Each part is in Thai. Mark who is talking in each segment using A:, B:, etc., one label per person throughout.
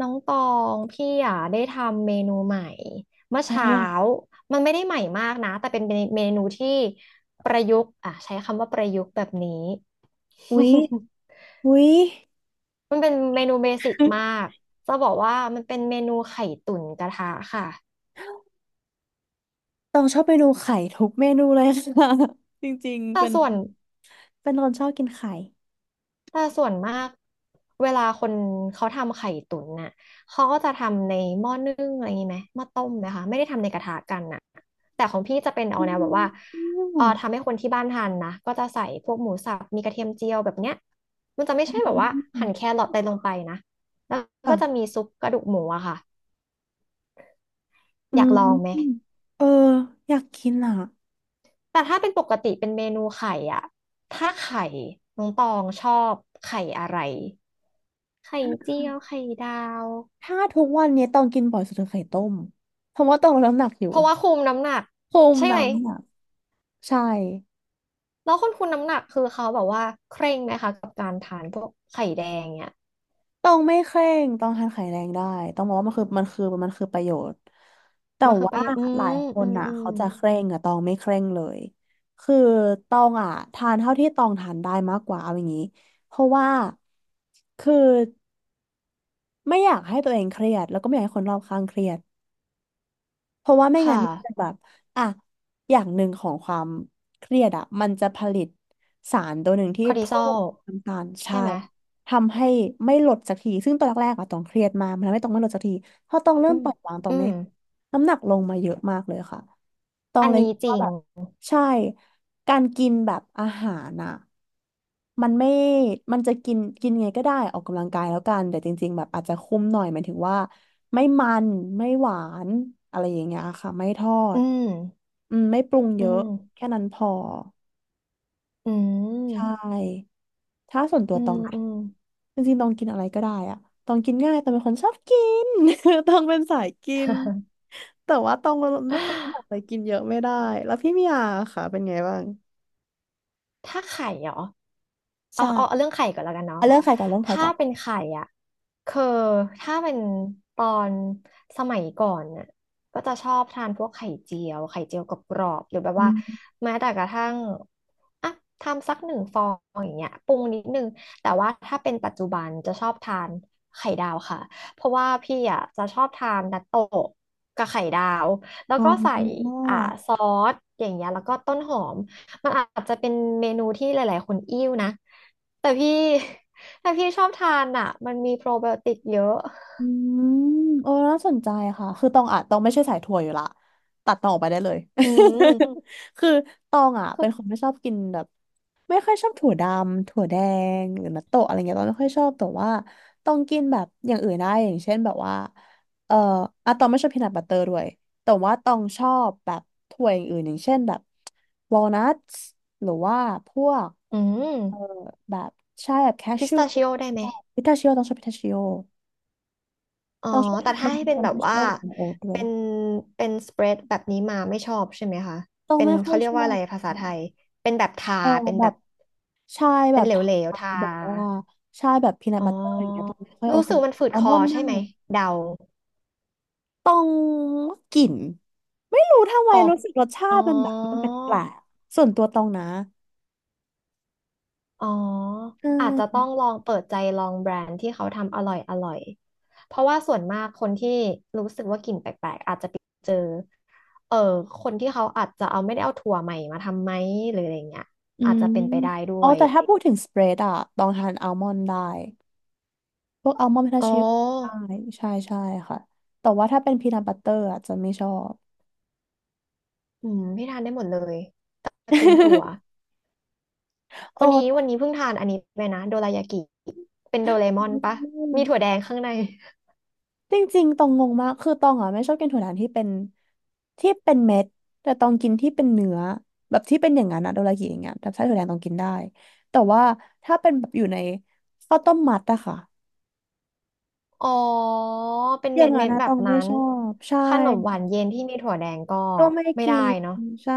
A: น้องตองพี่อ่ะได้ทำเมนูใหม่เมื่อ
B: อะไร
A: เช้า
B: อ่ะ
A: มันไม่ได้ใหม่มากนะแต่เป็นเมนูที่ประยุกต์อ่ะใช้คำว่าประยุกต์แบบนี้
B: อุ๊ย อุ๊ย
A: มันเป็นเมนูเบสิกมาก จะบอกว่ามันเป็นเมนูไข่ตุ๋นกระทะค่ะ
B: ต้องชอบเมนูไข่ทุกเมนูเลยค่ะ จริงๆ
A: แต่
B: เป็น
A: ส่วน
B: คนชอบกินไข่
A: แต่ส่วนมากเวลาคนเขาทำไข่ตุ๋นน่ะ เขาก็จะทำในหม้อนึ่งอะไรอย่างนี้ไหมหม้อต้มนะคะไม่ได้ทำในกระทะกันน่ะแต่ของพี่จะเป็นเอา
B: อื
A: แน
B: ม
A: วแบบว่า
B: อื
A: เออทำ
B: ม
A: ให้คนที่บ้านทานนะก็จะใส่พวกหมูสับมีกระเทียมเจียวแบบเนี้ยมันจะไม่ใช่แบบว่าหั่นแครอทอะไรลงไปนะแล้ว
B: อ่ะ
A: ก็จะมีซุปกระดูกหมูอะค่ะ
B: อื
A: อยากลองไหม
B: มเอออยากกินอ่ะ
A: แต่ถ้าเป็นปกติเป็นเมนูไข่อะถ้าไข่น้องตองชอบไข่อะไร ไข่เจียว ไข่ดาว
B: ถ้าทุกวันนี้ต้องกินบ่อยสุดคือไข่ต้มเพราะว่าต้องลดน้ำหนักอยู่
A: เพราะว่าคุมน้ำหนัก
B: คุม
A: ใช่ไหม
B: น้ำหนักใช่
A: แล้วคนคุมน้ำหนักคือเขาแบบว่าเคร่งไหมคะกับการทานพวกไข่แดงเนี่ย
B: ต้องไม่เคร่งต้องทานไข่แรงได้ต้องบอกว่ามันคือประโยชน์แต่
A: มันคือ
B: ว่า
A: ไป
B: หลายค
A: อื
B: น
A: ม
B: อ่ะ
A: อืม
B: เขาจะเคร่งอ่ะตองไม่เคร่งเลยคือตองอ่ะทานเท่าที่ตองทานได้มากกว่าเอาอย่างนี้เพราะว่าคือไม่อยากให้ตัวเองเครียดแล้วก็ไม่อยากให้คนรอบข้างเครียดเพราะว่าไม่งั้น
A: ค่ะ
B: มันจะแบบอ่ะอย่างหนึ่งของความเครียดอ่ะมันจะผลิตสารตัวหนึ่งที่
A: คอร์ติซ
B: เพิ่
A: อ
B: ม
A: ล
B: น้ำตาล
A: ใช่
B: ใช่
A: ไหม
B: ทำให้ไม่หลดสักทีซึ่งตอนแรกๆอะต้องเครียดมากมันทำให้ต้องไม่หลดสักทีพอต้องเริ่
A: อื
B: มป
A: ม
B: ล่อยวางต้อ
A: อื
B: งไม่
A: ม
B: น้ำหนักลงมาเยอะมากเลยค่ะต้อง
A: อัน
B: เลย
A: นี้
B: คิด
A: จริ
B: ว่า
A: ง
B: แบบใช่การกินแบบอาหารอะมันไม่มันจะกินกินไงก็ได้ออกกำลังกายแล้วกันแต่จริงๆแบบอาจจะคุมหน่อยหมายถึงว่าไม่มันไม่หวานอะไรอย่างเงี้ยค่ะไม่ทอ
A: อื
B: ด
A: ม
B: อืมไม่ปรุงเย
A: อื
B: อะ
A: ม
B: แค่นั้นพอ
A: อื
B: ใช่
A: ม
B: ถ้าส่วนตัว
A: อื
B: ต
A: ม
B: องนะ
A: อืม
B: จริงๆตองกินอะไรก็ได้อะตองกินง่ายตองเป็นคนชอบกิน ตองเป็นสายกินแต่ว่าตองเป็นคนอยากไป กินเยอะไม่ได้แล้วพี่มียาค่ะเป็นไงบ้าง
A: ถ้าไข่เหรอเอา
B: ใช่
A: เรื่องไข่ก่อนแล้วกันเนาะ
B: เอาเรื่องใครก่อนเรื่องใคร
A: ถ้า
B: ก่อน
A: เป็นไข่อ่ะคือถ้าเป็นตอนสมัยก่อนน่ะก็จะชอบทานพวกไข่เจียวกรอบๆหรือแบบว่า
B: อืม
A: แม้แต่กระทั่งอ่ะทำสัก1 ฟองอย่างเงี้ยปรุงนิดนึงแต่ว่าถ้าเป็นปัจจุบันจะชอบทานไข่ดาวค่ะเพราะว่าพี่อ่ะจะชอบทานนัตโตะกับไข่ดาวแล้ว
B: อ๋
A: ก็ใส่
B: อ
A: อ่าซอสอย่างเงี้ยแล้วก็ต้นหอม มันอาจจะเป็นเมนูที่หลายๆคนอิ่วนะแต่พี่ แต่พี่ชอบทานอ่ะมันมีโปรไบโอติกเยอะ
B: อืมโอ้น่าสนใจค่ะคือตองอ่ะตองไม่ใช่สายถั่วอยู่ละตัดตองออกไปได้เลย
A: อื ม
B: คือตองอ่ะ
A: คือ
B: เป็นคนไม่ชอบกินแบบ ไม่ค่อยชอบถั่วดำถั่วแดงหรือนัตโตะอะไรเงี้ยตองไม่ค่อยชอบแต่ว่าต้องกินแบบอย่างอื่นได้อย่างเช่นแบบว่าเอ่ออะตองไม่ชอบพีนัทบัตเตอร์ด้วยแต่ว่าตองชอบแบบถั่วอย่างอื่นอย่างเช่นแบบวอลนัทหรือว่าพวก
A: อืม
B: เอ่อแบบใช่แบบแค
A: พิ
B: ช
A: ส
B: e ว
A: ตาชิโอได้ไหม
B: พิทาชิโอต้องชอบพิทาชิโอ
A: อ๋อ
B: ต้องชอบ
A: แต่
B: ทานน
A: ถ้า
B: ม
A: ให้
B: พิ
A: เป็น
B: ทา
A: แบบ
B: ชิ
A: ว่า
B: โอของโอ๊ตด้ว
A: เป็
B: ย
A: นเป็นสเปรดแบบนี้มาไม่ชอบใช่ไหมคะ
B: ต้อง
A: เป็น
B: ไม่ค่อ
A: เขา
B: ย
A: เรีย
B: ช
A: ก
B: อ
A: ว่าอะ
B: บ
A: ไรภาษาไทย
B: อ่ะ
A: เป็นแบบทา
B: เออ
A: เป็น
B: แบ
A: แบ
B: บ
A: บ
B: ใช่แบ
A: เป็น
B: บทา
A: เหลวๆทา
B: บอกว่าใช่แบบพีนัทบัตเตอร์อย่างเงี้ยตองไม่ค่อยโอ
A: รู้
B: เค
A: สึกมันฝืด
B: อัล
A: ค
B: ม
A: อ
B: อนด์
A: ใช่
B: น่า
A: ไหม
B: ก
A: เดา
B: ต้องกลิ่นไม่รู้ทำไม
A: ออก
B: รู้สึกรสชา
A: อ๋
B: ติมันแบบมันแ
A: อ
B: ปลกๆส่วนตัวตองนะ
A: อ๋อ
B: ใช
A: อาจจะต้อ
B: ่
A: งลองเปิดใจลองแบรนด์ที่เขาทำอร่อยเพราะว่าส่วนมากคนที่รู้สึกว่ากลิ่นแปลกๆอาจจะไปเจอเออคนที่เขาอาจจะเอาไม่ได้เอาถั่วใหม่มาทำไหมหรืออะไรเงี้ย
B: อื
A: อาจจะ
B: ม
A: เป็นไปได้ด้
B: อ๋อ
A: วย
B: แต่ถ้าพูดถึงสเปรดอะตองทานอัลมอนด์ได้พวกอัลมอนด์พิทา
A: อ๋อ
B: ชิโอได้ใช่ค่ะแต่ว่าถ้าเป็นพีนัทบัตเตอร์อะจะไม่ชอบ
A: อืมพี่ทานได้หมดเลยตระกูลถั่ว วันนี้วั
B: โอ้
A: นนี้เพิ่งทานอันนี้ไปนะโดรายากิเป็นโดเรมอนปะมีถั่วแดงข้างใน
B: จริงๆตองงงมากคือตองอ่ะไม่ชอบกินถั่วหวานที่เป็นเม็ดแต่ตองกินที่เป็นเนื้อแบบที่เป็นอย่างนั้นอะโดรากิอย่างเงี้ยแบบไส้ถั่วแดงตองกินได้แต่ว่าถ้าเป็นแบบอยู่ในข้าวต้มมัดอะค่ะ
A: อ๋อ เป็น
B: อย่า
A: เม็
B: ง
A: ด
B: นั้
A: เม็
B: น
A: ด
B: นะ
A: แบ
B: ต
A: บ
B: องไม่
A: นั้น
B: ชอบใช่
A: ขนมหวานเย็นที่มีถั่วแดงก็
B: ก็ไม่
A: ไม่
B: กิ
A: ได้
B: น
A: เนาะ
B: ใช่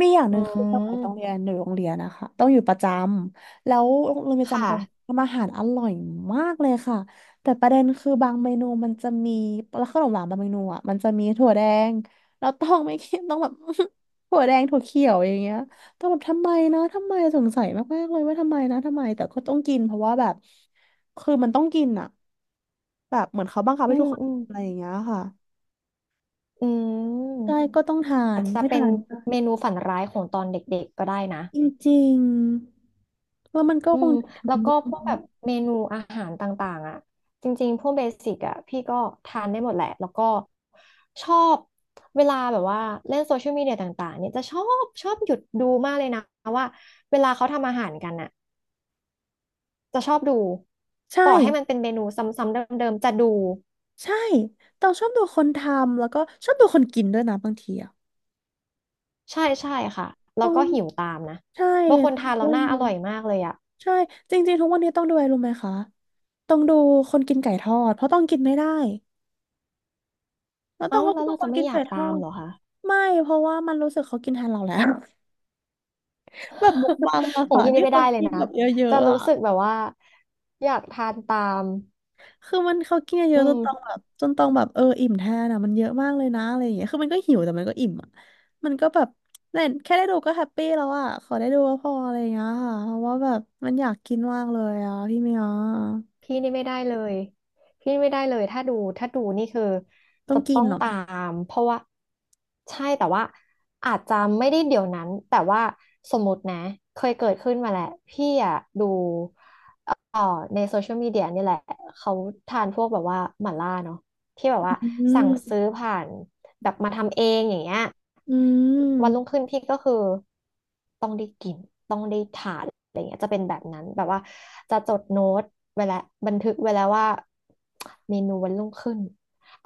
B: มีอย่างห
A: อื
B: นึ่งคือสมัยต้องเรีย
A: ม
B: นอยู่โรงเรียนนะคะต้องอยู่ประจำแล้วโรงเรียนป
A: ค
B: ระจำต้อง
A: ่ะ
B: ทำอาหารอร่อยมากเลยค่ะแต่ประเด็นคือบางเมนูมันจะมีแล้วขนมหวานบางเมนูอ่ะมันจะมีถั่วแดงแล้วต้องไม่กินต้องแบบ ถั่วแดงถั่วเขียวอย่างเงี้ยต้องแบบทำไมนะทำไมสงสัยมากๆเลยว่าทำไมนะทำไมแต่ก็ต้องกินเพราะว่าแบบคือมันต้องกินอ่ะแบบเหมือนเขาบังคับ
A: อื
B: ให้ทุ
A: ม
B: กคน
A: อืม
B: อะไรอย่างเงี้ยค่ะ
A: อืม
B: ใช่ก็ต้องทา
A: อา
B: น
A: จจะ
B: ไม่
A: เป็
B: ทา
A: น
B: น
A: เมนูฝันร้ายของตอนเด็กๆก็ได้นะ
B: จริงๆแล้วมันก็
A: อื
B: คง
A: ม
B: จะถึง
A: แล้วก็พวกแบบเมนูอาหารต่างๆอ่ะจริงๆพวกเบสิกอ่ะพี่ก็ทานได้หมดแหละแล้วก็ชอบเวลาแบบว่าเล่นโซเชียลมีเดียต่างๆเนี่ยจะชอบหยุดดูมากเลยนะว่าเวลาเขาทำอาหารกันอะ จะชอบดู
B: ใช่
A: ต่อให้มันเป็นเมนูซ้ำๆเดิมๆจะดู
B: ใช่ต้องชอบดูคนทำแล้วก็ชอบดูคนกินด้วยนะบางทีอะ
A: ใช่ใช่ค่ะแล้
B: ต้อ
A: วก็
B: ง
A: หิวตามนะ
B: ใช่
A: บางคน
B: ต
A: ทาน
B: ้
A: แล้
B: อ
A: วห
B: ง
A: น้าอ
B: ดู
A: ร่อยมากเลยอะ
B: ใช่จริงๆทุกวันนี้ต้องดูอะไรรู้ไหมคะต้องดูคนกินไก่ทอดเพราะต้องกินไม่ได้แล้วต้อ
A: เอ้า
B: งก็
A: แล้ว
B: ดู
A: เรา
B: ค
A: จะ
B: น
A: ไม่
B: กิน
A: อ
B: ไก่
A: ยาก
B: ทอ
A: ตาม
B: ด
A: เหรอคะ
B: ไม่เพราะว่ามันรู้สึกเขากินแทนเราแล้ว แบบมกบั งอะ
A: ของ
B: ค่ะ
A: พี่
B: ที่
A: นี่ไม่
B: เขา
A: ได้เลย
B: กิน
A: นะ
B: แบบเยอะ
A: จะ
B: ๆอะ
A: รู้สึกแบบว่าอยากทานตาม
B: คือมันเขากินเย
A: อื
B: อะๆ
A: ม
B: จนต้องแบบเอออิ่มแทนอะมันเยอะมากเลยนะอะไรอย่างเงี้ยคือมันก็หิวแต่มันก็อิ่มอ่ะมันก็แบบเน่ยแค่ได้ดูก็แฮปปี้แล้วอ่ะขอได้ดูก็พออะไรอย่างเงี้ยค่ะเพราะว่าแบบมันอยากกินมากเลยอ่ะพี่เมีย
A: พี่นี่ไม่ได้เลยพี่ไม่ได้เลยถ้าดูนี่คือ
B: ต้อ
A: จะ
B: งกิ
A: ต้
B: น
A: อง
B: เหรอ
A: ตามเพราะว่าใช่แต่ว่าอาจจะไม่ได้เดี๋ยวนั้นแต่ว่าสมมตินะเคยเกิดขึ้นมาแหละพี่อะดูเอ่อในโซเชียลมีเดียนี่แหละเขาทานพวกแบบว่าหม่าล่าเนาะที่แบบว่า
B: อื
A: สั่
B: ม
A: งซื้อผ่านแบบมาทำเองอย่างเงี้ย
B: อื
A: วันรุ่ง
B: ม
A: ขึ้นพี่ก็คือต้องได้กิน ขาดอะไรเงี้ยจะเป็นแบบนั้นแบบว่าจะจดโน้ตไว้แล้วบันทึกไว้แล้วว่าเมนูวันรุ่งขึ้น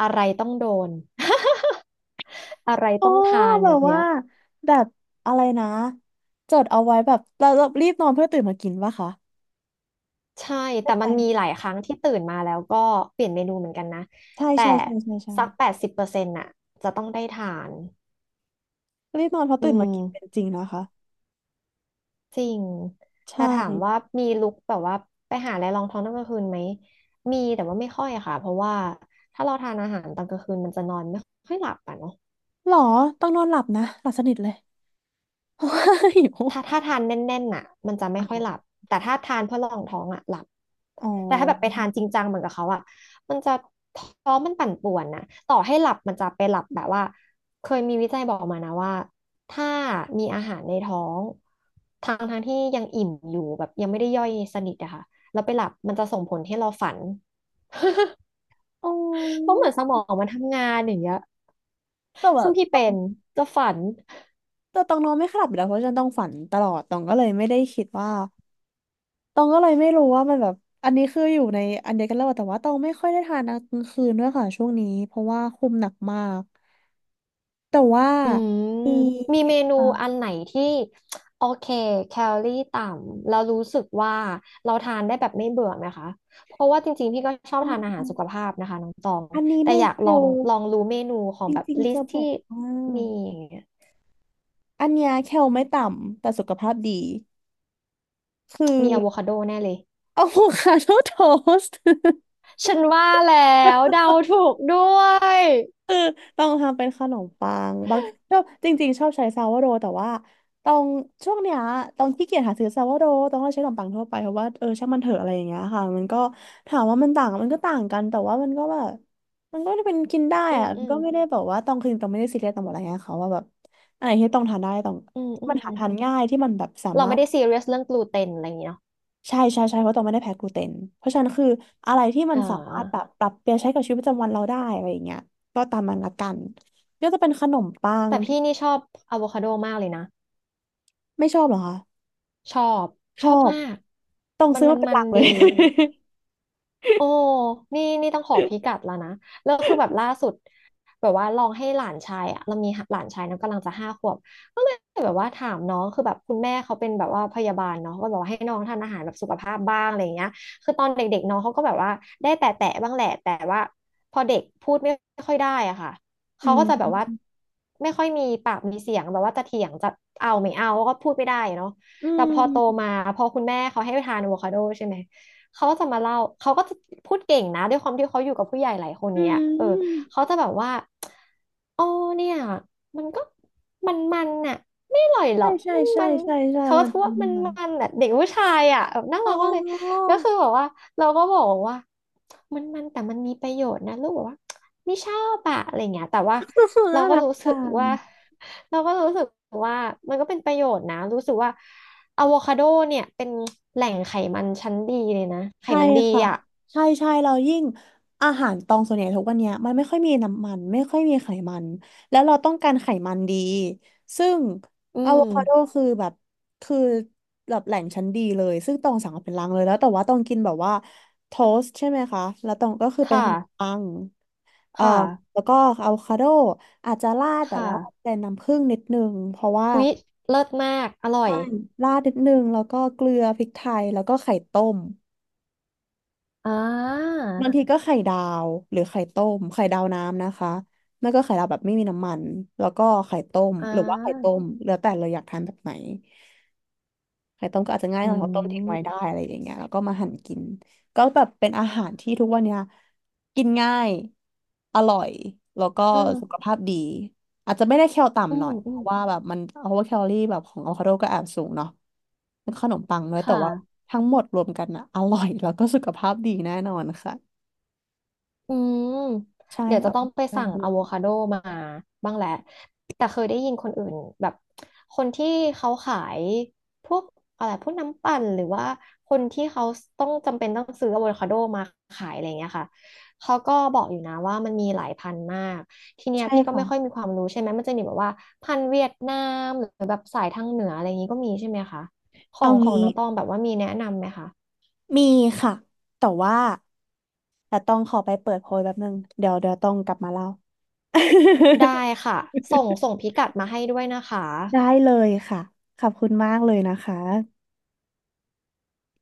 A: อะไรต้องโดน อะไร
B: อ๋อ
A: ต้องทาน
B: แบ
A: แบ
B: บ
A: บเนี้
B: ว่า
A: ย
B: แบบอะไรนะจดเอาไว้แบบเรารีบนอนเพื่อตื่นมากินป่ะคะ
A: ใช่
B: ใช่
A: แต่
B: ไหม
A: มันมีหลายครั้งที่ตื่นมาแล้วก็เปลี่ยนเมนูเหมือนกันนะแต่
B: ใช่
A: สัก80%น่ะจะต้องได้ทาน
B: รีบนอนเพราะ
A: อื
B: ตื่นมากินเป็น
A: ม
B: จริงนะคะ
A: จริง
B: ใช่
A: แต่ถามว่ามีลุคแบบว่าไปหาอะไรรองท้องตอนกลางคืนไหม มีแต่ว่าไม่ค่อยอะค่ะ เพราะว่าถ้าเราทานอาหารตอนกลางคืนมันจะนอนไม่ค่อยหลับอ่ะเนาะ
B: หรอต้องนอนหลับนะหลับสนิทเลย เพราะว่าหิว
A: ถ้าทานแน่นๆน่ะมันจะไม่
B: อ๋
A: ค่อยหลับ
B: อ
A: แต่ถ้าทานเพื่อรองท้องอ่ะหลับ
B: อ๋
A: แต่ถ้าแบบไป
B: อ
A: ทานจริงจังเหมือนกับเขาอ่ะมันจะท้องมันปั่นป่วนนะต่อให้หลับมันจะไปหลับแบบว่าเคยมีวิจัยบอกมานะว่าถ้ามีอาหารในท้องทางที่ยังอิ่มอยู่แบบยังไม่ได้ย่อยสนิทอะค่ะแล้วไปหลับมันจะส่งผลให้เราฝัน
B: อ๋
A: เพราะ
B: อ
A: เหมือนสมองมันทำงานอย่างเงี้ย
B: แต่แบ
A: ซึ่
B: บ
A: งพี่เป็นจะฝัน
B: แต่ตองนอนไม่ค่อยหลับอยู่แล้วเพราะฉันต้องฝันตลอดตองก็เลยไม่ได้คิดว่าตองก็เลยไม่รู้ว่ามันแบบอันนี้คืออยู่ในอันเดียวกันแล้วอะแต่ว่าตองไม่ค่อยได้ทานกลางคืนด้วยค่ะช่วงนี้เพราะว่าคุมหนักมากแต่ว่า
A: อืม
B: มี
A: มีเมนู
B: อ่า
A: อันไหนที่โอเคแคลอรี่ต่ำเรารู้สึกว่าเราทานได้แบบไม่เบื่อไหมคะเพราะว่าจริงๆพี่ก็ชอบ
B: อ๋
A: ทานอาหารสุข
B: อ
A: ภาพนะคะน้องตอง
B: อันนี้
A: แต่
B: ไม่
A: อยาก
B: แค
A: ล
B: ล
A: องรู้เมนูขอ
B: จ
A: งแบบ
B: ริง
A: ลิ
B: ๆ
A: ส
B: จะ
A: ต์
B: บ
A: ที่
B: อกว่า
A: มีอย่างเงี้ย
B: อันเนี้ยแคลไม่ต่ำแต่สุขภาพดีคือ
A: มีอะโวคาโดแน่เลย
B: อะโวคาโดโทสต์
A: ฉันว่าแล้วเดาถูกด้วย
B: คือต้องทำเป็นขนมปังบางชอบจริงๆชอบใช้ซาวโดแต่ว่าต้องช่วงเนี้ยต้องขี้เกียจหาซื้อซาวโดต้องใช้ขนมปังทั่วไปเพราะว่าเออช่างมันเถอะอะไรอย่างเงี้ยค่ะมันก็ถามว่ามันต่างมันก็ต่างกันแต่ว่ามันก็แบบมันก็เป็นกินได้
A: อื
B: อะ
A: ม
B: มั
A: อื
B: น
A: ม
B: ก็ไม่ได้แบบว่าต้องไม่ได้ซีเรียสต้องบอกอะไรเงี้ยเขาว่าแบบอะไรที่ต้องทานได้ต้อง
A: อืมอื
B: มัน
A: ม
B: หาทานง่ายที่มันแบบสา
A: เรา
B: มาร
A: ไม่
B: ถ
A: ได้ซีเรียสเรื่องกลูเตนอะไรอย่างเงี้ยเนาะ
B: ใช่ใช่ใช่เพราะตองไม่ได้แพ้กลูเตนเพราะฉะนั้นคืออะไรที่มัน
A: อ่
B: สามารถแบ
A: า
B: บปรับเปลี่ยนใช้กับชีวิตประจำวันเราได้อะไรอย่างเงี้ยก็ตามมันละกันก็จะเป็นขนมปัง
A: แต่
B: ที่
A: พี่นี่ชอบอะโวคาโดมากเลยนะ
B: ไม่ชอบเหรอคะ
A: ชอบ
B: ช
A: ช
B: อ
A: อบ
B: บ
A: มาก
B: ต้อง
A: มัน
B: ซื้อ
A: มั
B: มา
A: น
B: เป็น
A: มั
B: หลั
A: น
B: กเลย
A: ดี โอ้นี่นี่ต้องขอพิกัดแล้วนะแล้วคือแบบล่าสุดแบบว่าลองให้หลานชายอะเรามีหลานชายนะกำลังจะห้าขวบก็เลยแบบว่าถามน้องคือแบบคุณแม่เขาเป็นแบบว่าพยาบาลเนาะก็บอกว่าให้น้องทานอาหารแบบสุขภาพบ้างอะไรอย่างเงี้ยคือตอนเด็กๆน้องเขาก็แบบว่าได้แตะแตะบ้างแหละแต่ว่าพอเด็กพูดไม่ค่อยได้อะค่ะ
B: อื
A: เขาก็จะแบบว่า
B: ม
A: ไม่ค่อยมีปากมีเสียงแบบว่าจะเถียงจะเอาไม่เอาก็พูดไม่ได้เนาะ
B: อื
A: แต่พอโต
B: ม
A: มาพอคุณแม่เขาให้ทานอะโวคาโดใช่ไหม เขาก็จะมาเล่าเขาก็จะพูดเก่งนะด้วยความที่เขาอยู่กับผู้ใหญ่หลายคน
B: อื
A: เนี้ยเออ
B: ม
A: เขาจะแบบว่าอ๋อเนี่ยมันก็มันน่ะไม่อร่อยหร
B: ใช่
A: อก
B: ใช่
A: มัน
B: ใช่
A: มัน
B: ใช่ใช่
A: เขาก็
B: มัน
A: พ
B: จะ
A: ว่วา
B: มี
A: มัน
B: มัน
A: มันน่ะเด็กผู้ชายอ่ะแบบน่า
B: อ๋
A: รักาเลย
B: อ
A: แล้วคือแบบว่าเราก็บอกว่ามันแต่มันมีประโยชน์นะลูกบอกว่าไม่ชอบอะอะไรเงี้ยแต่ว่า เรา
B: น่า
A: ก็
B: รัก
A: รู้สึ
B: จั
A: ก
B: ง
A: ว่า เราก็รู้สึกว่ามันก็เป็นประโยชน์นะรู้สึกว่าอะโวคาโดเนี่ยเป็นแหล่งไขมันชั้นดีเลยนะไข
B: ใช่
A: มันดี
B: ค่ะ
A: อ่ะ
B: ใช่ใช่เรายิ่งอาหารตองส่วนใหญ่ทุกวันเนี้ยมันไม่ค่อยมีน้ำมันไม่ค่อยมีไขมันแล้วเราต้องการไขมันดีซึ่ง
A: อื
B: อะโวคาโด
A: ม
B: คือแบบแหล่งชั้นดีเลยซึ่งตองสั่งมาเป็นลังเลยแล้วแต่ว่าตองกินแบบว่าโทสต์ใช่ไหมคะแล้วตองก็คือเป็นข
A: ค่ะ
B: นมปังเอ่อ
A: ค่ะ
B: แล้วก็อะโวคาโดอาจจะราด
A: ค
B: แต่ว่า
A: ่ะ
B: เป็นน้ำผึ้งนิดนึงเพราะว่า
A: อุ๊ยเลิศมากอร่อย
B: ใช่ราดนิดนึงแล้วก็เกลือพริกไทยแล้วก็ไข่ต้ม
A: อ่า
B: บางทีก็ไข่ดาวหรือไข่ต้มไข่ดาวน้ำนะคะไม่ก็ไข่ดาวแบบไม่มีน้ำมันแล้วก็ไข่ต้ม
A: อ่
B: หรือว่าไข่ต้
A: า
B: มแล้วแต่เราอยากทานแบบไหนไข่ต้มก็อาจจะง่ายห
A: อื
B: น่อยเพราะต้มทิ้งไว้ได้
A: ม
B: อะไรอย่างเงี้ยแล้วก็มาหั่นกินก็แบบเป็นอาหารที่ทุกวันเนี้ยกินง่ายอร่อยแล้วก็
A: อ่า
B: สุขภาพดีอาจจะไม่ได้แคล
A: อื
B: ต่ำหน่
A: ม
B: อยเพ
A: อืม
B: ราะว่าแบบมันเพราะว่าแคลอรี่แบบของอะโวคาโดก็แอบสูงเนาะเป็นขนมปังด้วยแต่
A: ค่ะ
B: ว่าทั้งหมดรวมกันอะอร่อยแล้วก็สุขภาพดีแน่นอนค่ะ
A: อืม
B: ใช่
A: เดี๋ยว
B: อ
A: จะ
B: อก
A: ต้อ
B: กำ
A: ง
B: ลัง
A: ไป
B: กาย
A: สั่ง
B: ด้ว
A: อะ
B: ย
A: โวคาโดมาบ้างแหละ แต่เคยได้ยินคนอื่นแบบคนที่เขาขายพวกอะไรพวกน้ำปั่นหรือว่าคนที่เขาต้องจำเป็นต้องซื้ออะโวคาโดมาขายอะไรอย่างเงี้ยค่ะ เขาก็บอกอยู่นะว่ามันมีหลายพันธุ์มาก ทีเนี้ย
B: ใช่
A: พี่ก็
B: ค่ะ
A: ไม่ค่อยมีความรู้ใช่ไหมมันจะมีแบบว่าพันธุ์เวียดนามหรือแบบสายทางเหนืออะไรอย่างงี้ก็มีใช่ไหมคะขอ
B: เอา
A: งของ
B: งี้
A: น้องตองแบบว่ามีแนะนำไหมคะ
B: มีค่ะ แต่ว่าแต่ต้องขอไปเปิดโพยแป๊บนึงเดี๋ยวเดี๋ยวต้องกลับมาเล่า
A: ได้ค่ะส่งส่งพิกัดมาให้ด้วยนะคะ
B: ได้เลยค่ะขอบคุณมากเลยนะคะ